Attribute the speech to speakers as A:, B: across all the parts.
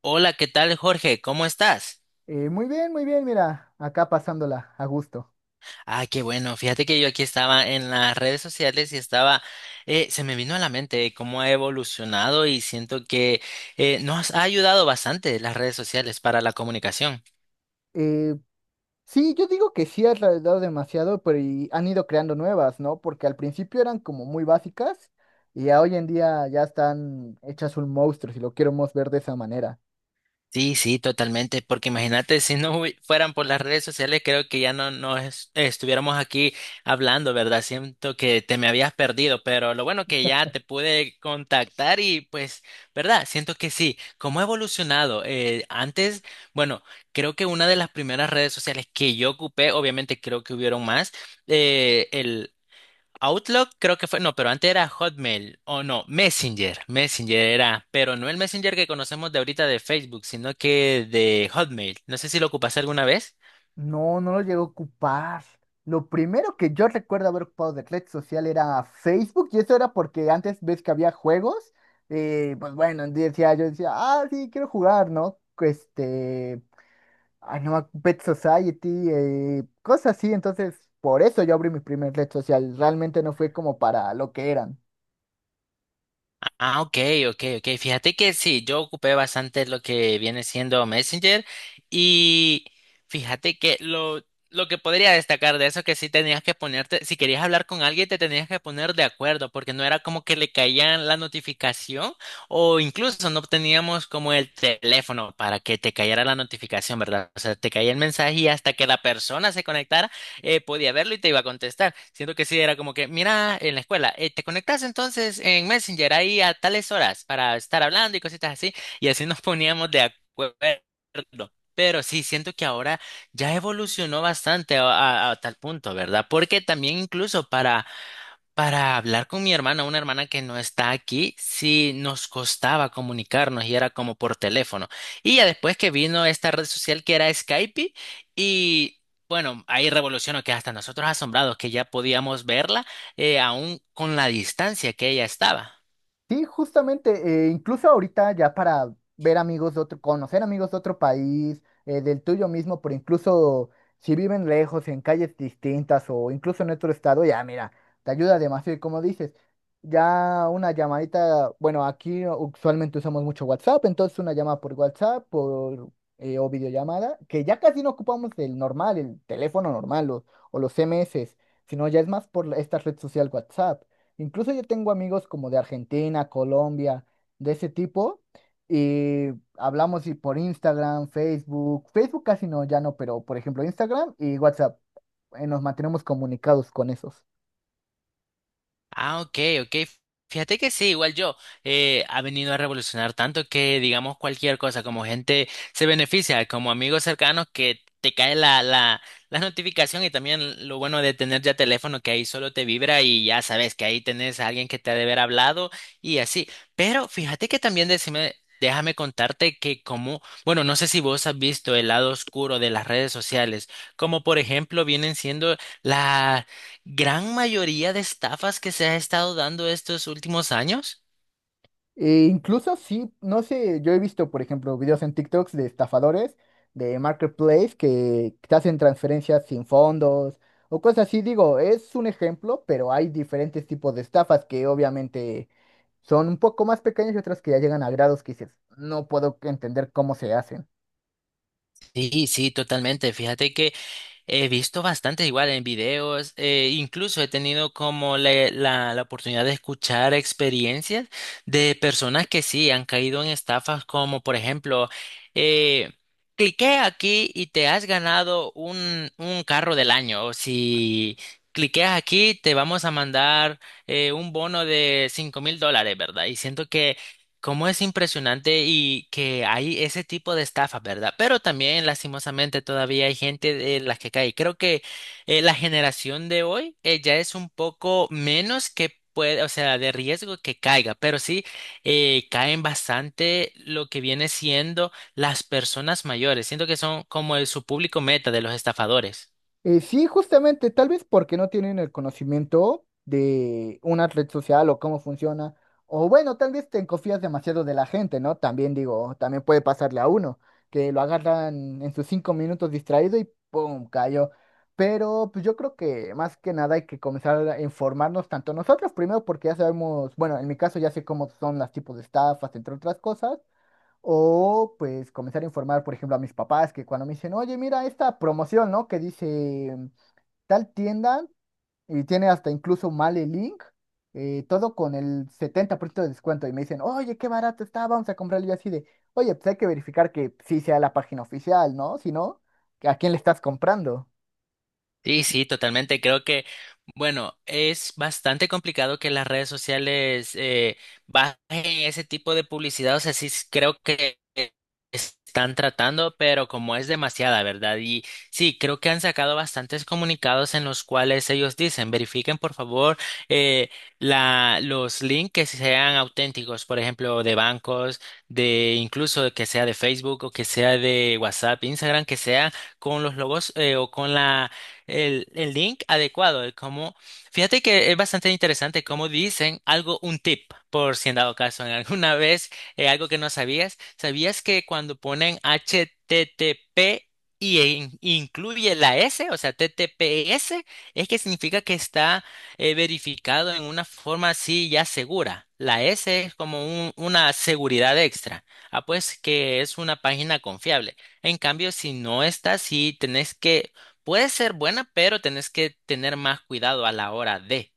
A: Hola, ¿qué tal, Jorge? ¿Cómo estás?
B: Muy bien, muy bien, mira, acá pasándola a gusto.
A: Ah, qué bueno. Fíjate que yo aquí estaba en las redes sociales y se me vino a la mente cómo ha evolucionado y siento que nos ha ayudado bastante las redes sociales para la comunicación.
B: Eh, sí, yo digo que sí has tardado demasiado, pero y han ido creando nuevas, ¿no? Porque al principio eran como muy básicas y ya hoy en día ya están hechas un monstruo, si lo queremos ver de esa manera.
A: Sí, sí, totalmente, porque imagínate si no fueran por las redes sociales, creo que ya no, estuviéramos aquí hablando, ¿verdad? Siento que te me habías perdido, pero lo bueno que ya te pude contactar y pues, ¿verdad? Siento que sí, cómo ha evolucionado. Antes, bueno, creo que una de las primeras redes sociales que yo ocupé, obviamente creo que hubieron más, Outlook creo que fue, no, pero antes era Hotmail, o no, Messenger, Messenger era, pero no el Messenger que conocemos de ahorita de Facebook, sino que de Hotmail. No sé si lo ocupaste alguna vez.
B: No, no lo llego a ocupar. Lo primero que yo recuerdo haber ocupado de red social era Facebook y eso era porque antes ves que había juegos, pues bueno, yo decía, ah, sí, quiero jugar, ¿no? Ay, no, Pet Society, cosas así. Entonces, por eso yo abrí mi primer red social. Realmente no fue como para lo que eran.
A: Ah, ok, ok, ok. Fíjate que sí, yo ocupé bastante lo que viene siendo Messenger y fíjate que lo que podría destacar de eso que sí tenías que ponerte, si querías hablar con alguien te tenías que poner de acuerdo porque no era como que le caían la notificación o incluso no teníamos como el teléfono para que te cayera la notificación, ¿verdad? O sea, te caía el mensaje y hasta que la persona se conectara podía verlo y te iba a contestar. Siento que sí, era como que, mira, en la escuela, te conectas entonces en Messenger ahí a tales horas para estar hablando y cositas así, y así nos poníamos de acuerdo. Pero sí, siento que ahora ya evolucionó bastante a, a tal punto, ¿verdad? Porque también incluso para hablar con mi hermana, una hermana que no está aquí, sí nos costaba comunicarnos y era como por teléfono. Y ya después que vino esta red social que era Skype y bueno, ahí revolucionó que hasta nosotros asombrados que ya podíamos verla aún con la distancia que ella estaba.
B: Sí, justamente, incluso ahorita ya para ver amigos de otro, conocer amigos de otro país, del tuyo mismo, pero incluso si viven lejos, en calles distintas o incluso en otro estado, ya mira, te ayuda demasiado. Y como dices, ya una llamadita, bueno, aquí usualmente usamos mucho WhatsApp, entonces una llamada por WhatsApp o videollamada, que ya casi no ocupamos el normal, el teléfono normal o los CMS, sino ya es más esta red social WhatsApp. Incluso yo tengo amigos como de Argentina, Colombia, de ese tipo, y hablamos y por Instagram, Facebook, Facebook casi no, ya no, pero por ejemplo Instagram y WhatsApp, nos mantenemos comunicados con esos.
A: Ah, ok, ok. Fíjate que sí, igual yo, ha venido a revolucionar tanto que digamos cualquier cosa, como gente se beneficia, como amigos cercanos que te cae la notificación y también lo bueno de tener ya teléfono que ahí solo te vibra y ya sabes que ahí tenés a alguien que te ha de haber hablado y así. Pero fíjate que también decime, déjame contarte que como, bueno, no sé si vos has visto el lado oscuro de las redes sociales, como por ejemplo vienen siendo las gran mayoría de estafas que se ha estado dando estos últimos años.
B: E incluso sí, no sé, yo he visto, por ejemplo, videos en TikToks de estafadores, de Marketplace, que te hacen transferencias sin fondos o cosas así. Digo, es un ejemplo, pero hay diferentes tipos de estafas que obviamente son un poco más pequeñas y otras que ya llegan a grados que dices, no puedo entender cómo se hacen.
A: Sí, sí, totalmente. Fíjate que he visto bastante igual en videos, incluso he tenido como la oportunidad de escuchar experiencias de personas que sí han caído en estafas como por ejemplo, eh, cliqué aquí y te has ganado un carro del año. O si cliqueas aquí te vamos a mandar un bono de $5,000, ¿verdad? Y siento que cómo es impresionante y que hay ese tipo de estafas, ¿verdad? Pero también, lastimosamente, todavía hay gente de las que cae. Creo que la generación de hoy ya es un poco menos que puede, o sea, de riesgo que caiga, pero sí caen bastante lo que viene siendo las personas mayores. Siento que son como su público meta de los estafadores.
B: Sí, justamente, tal vez porque no tienen el conocimiento de una red social o cómo funciona. O bueno, tal vez te confías demasiado de la gente, ¿no? También digo, también puede pasarle a uno, que lo agarran en sus cinco minutos distraído y ¡pum! Cayó. Pero pues yo creo que más que nada hay que comenzar a informarnos tanto nosotros primero porque ya sabemos, bueno, en mi caso ya sé cómo son los tipos de estafas, entre otras cosas, o pues comenzar a informar, por ejemplo, a mis papás que cuando me dicen, oye, mira esta promoción, ¿no? Que dice tal tienda y tiene hasta incluso mal el link, todo con el 70% de descuento. Y me dicen, oye, qué barato está, vamos a comprarlo. Y yo así de, oye, pues hay que verificar que sí sea la página oficial, ¿no? Si no, ¿a quién le estás comprando?
A: Sí, sí, totalmente. Creo que, bueno, es bastante complicado que las redes sociales bajen ese tipo de publicidad. O sea, creo que están tratando, pero como es demasiada, ¿verdad? Y sí, creo que han sacado bastantes comunicados en los cuales ellos dicen, verifiquen por favor eh, los links que sean auténticos, por ejemplo, de bancos, de incluso que sea de Facebook o que sea de WhatsApp, Instagram, que sea con los logos o con el link adecuado de cómo. Fíjate que es bastante interesante cómo dicen algo, un tip, por si en dado caso, en alguna vez, algo que no sabías. ¿Sabías que cuando ponen HTTP y incluye la S, o sea, TTPS, es que significa que está verificado en una forma así ya segura? La S es como una seguridad extra. Ah, pues que es una página confiable. En cambio, si no está así, tenés que puede ser buena, pero tenés que tener más cuidado a la hora de.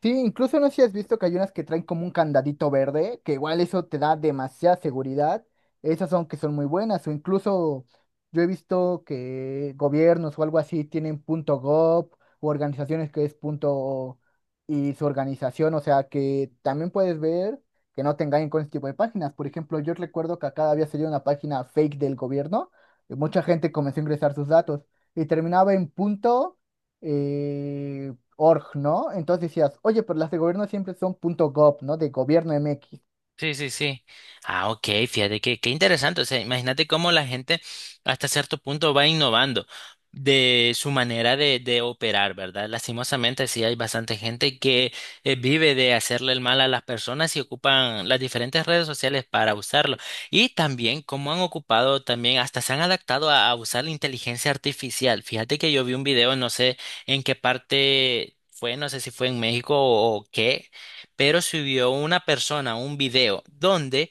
B: Sí, incluso no sé si has visto que hay unas que traen como un candadito verde, que igual eso te da demasiada seguridad. Esas son que son muy buenas. O incluso yo he visto que gobiernos o algo así tienen punto .gov o organizaciones que es punto y su organización. O sea que también puedes ver que no te engañen con este tipo de páginas. Por ejemplo, yo recuerdo que acá había salido una página fake del gobierno y mucha gente comenzó a ingresar sus datos y terminaba en punto eh, org, ¿no? Entonces decías, oye, pero las de gobierno siempre son punto .gov, ¿no? De gobierno MX.
A: Sí, sí, sí. Ah, ok, fíjate que qué interesante. O sea, imagínate cómo la gente hasta cierto punto va innovando de su manera de operar, ¿verdad? Lastimosamente, sí hay bastante gente que vive de hacerle el mal a las personas y ocupan las diferentes redes sociales para usarlo. Y también cómo han ocupado, también hasta se han adaptado a usar la inteligencia artificial. Fíjate que yo vi un video, no sé en qué parte fue, no sé si fue en México o qué, pero subió una persona un video donde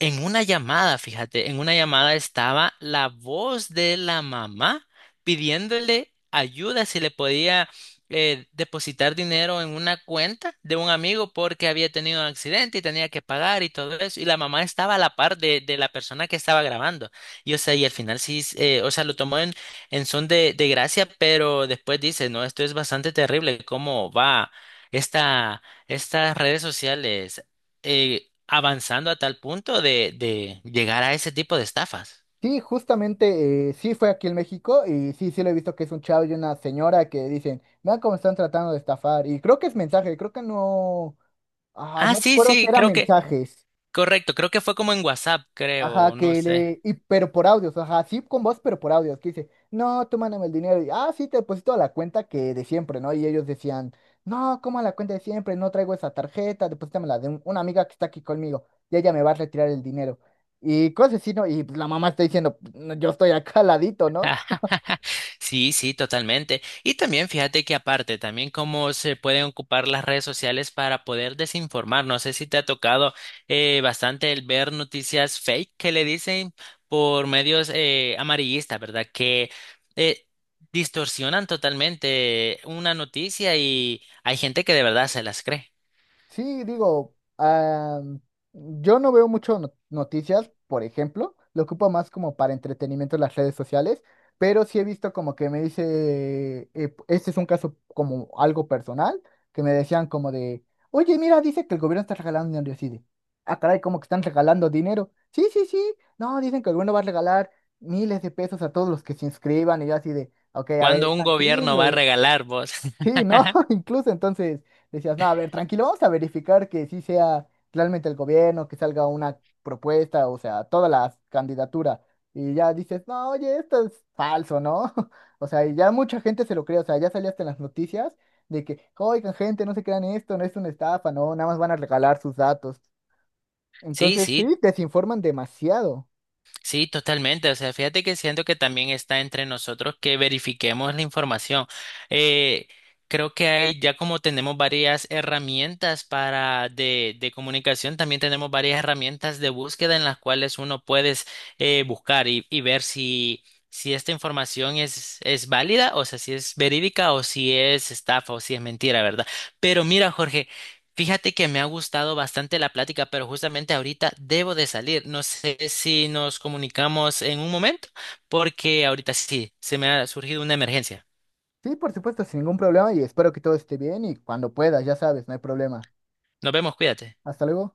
A: en una llamada estaba la voz de la mamá pidiéndole ayuda si le podía depositar dinero en una cuenta de un amigo porque había tenido un accidente y tenía que pagar y todo eso. Y la mamá estaba a la par de la persona que estaba grabando. Y o sea, y al final sí, o sea, lo tomó en son de gracia, pero después dice, no, esto es bastante terrible, cómo va esta, estas redes sociales avanzando a tal punto de llegar a ese tipo de estafas.
B: Sí, justamente, sí fue aquí en México y sí, sí lo he visto que es un chavo y una señora que dicen, vean cómo están tratando de estafar. Y creo que es mensaje, creo que no, ah,
A: Ah,
B: no
A: sí,
B: recuerdo si
A: sí,
B: era
A: creo que,
B: mensajes.
A: correcto, creo que fue como en WhatsApp,
B: Ajá,
A: creo, no
B: que
A: sé.
B: le. Y, pero por audios, ajá, sí con voz, pero por audios. Que dice, no, tú mándame el dinero. Y, ah, sí, te deposito a la cuenta que de siempre, ¿no? Y ellos decían, no, ¿cómo a la cuenta de siempre? No traigo esa tarjeta, deposítamela de una amiga que está aquí conmigo. Y ella me va a retirar el dinero. Y cosas así, ¿no? Y pues, la mamá está diciendo, "No, yo estoy acá al ladito, ¿no?
A: Sí, sí, totalmente. Y también fíjate que aparte, también cómo se pueden ocupar las redes sociales para poder desinformar. No sé si te ha tocado bastante el ver noticias fake que le dicen por medios amarillistas, ¿verdad? Que eh, distorsionan totalmente una noticia y hay gente que de verdad se las cree.
B: Sí, digo, ah, yo no veo mucho noticias, por ejemplo, lo ocupo más como para entretenimiento en las redes sociales, pero sí he visto como que me dice, este es un caso como algo personal, que me decían como de, oye, mira, dice que el gobierno está regalando dinero, y así de, ah, caray, como que están regalando dinero. Sí, sí, sí, no, dicen que el gobierno va a regalar miles de pesos a todos los que se inscriban, y yo así de, ok, a ver,
A: Cuando un gobierno va a
B: tranquilo.
A: regalar vos.
B: Sí, ¿no? Incluso entonces decías, no, a ver, tranquilo, vamos a verificar que sí sea realmente el gobierno, que salga una propuesta, o sea, todas las candidaturas. Y ya dices, no, oye, esto es falso, ¿no? O sea, y ya mucha gente se lo cree, o sea, ya salía hasta en las noticias de que, oigan, gente, no se crean esto, no es una estafa, no, nada más van a regalar sus datos.
A: Sí,
B: Entonces,
A: sí,
B: sí, desinforman demasiado.
A: sí, totalmente. O sea, fíjate que siento que también está entre nosotros que verifiquemos la información. Eh, Creo que hay, ya como tenemos varias herramientas para de comunicación, también tenemos varias herramientas de búsqueda en las cuales uno puedes buscar y ver si, si esta información es válida, o sea, si es verídica o si es estafa o si es mentira, ¿verdad? Pero mira, Jorge. Fíjate que me ha gustado bastante la plática, pero justamente ahorita debo de salir. No sé si nos comunicamos en un momento, porque ahorita sí, se me ha surgido una emergencia.
B: Sí, por supuesto, sin ningún problema y espero que todo esté bien y cuando puedas, ya sabes, no hay problema.
A: Nos vemos, cuídate.
B: Hasta luego.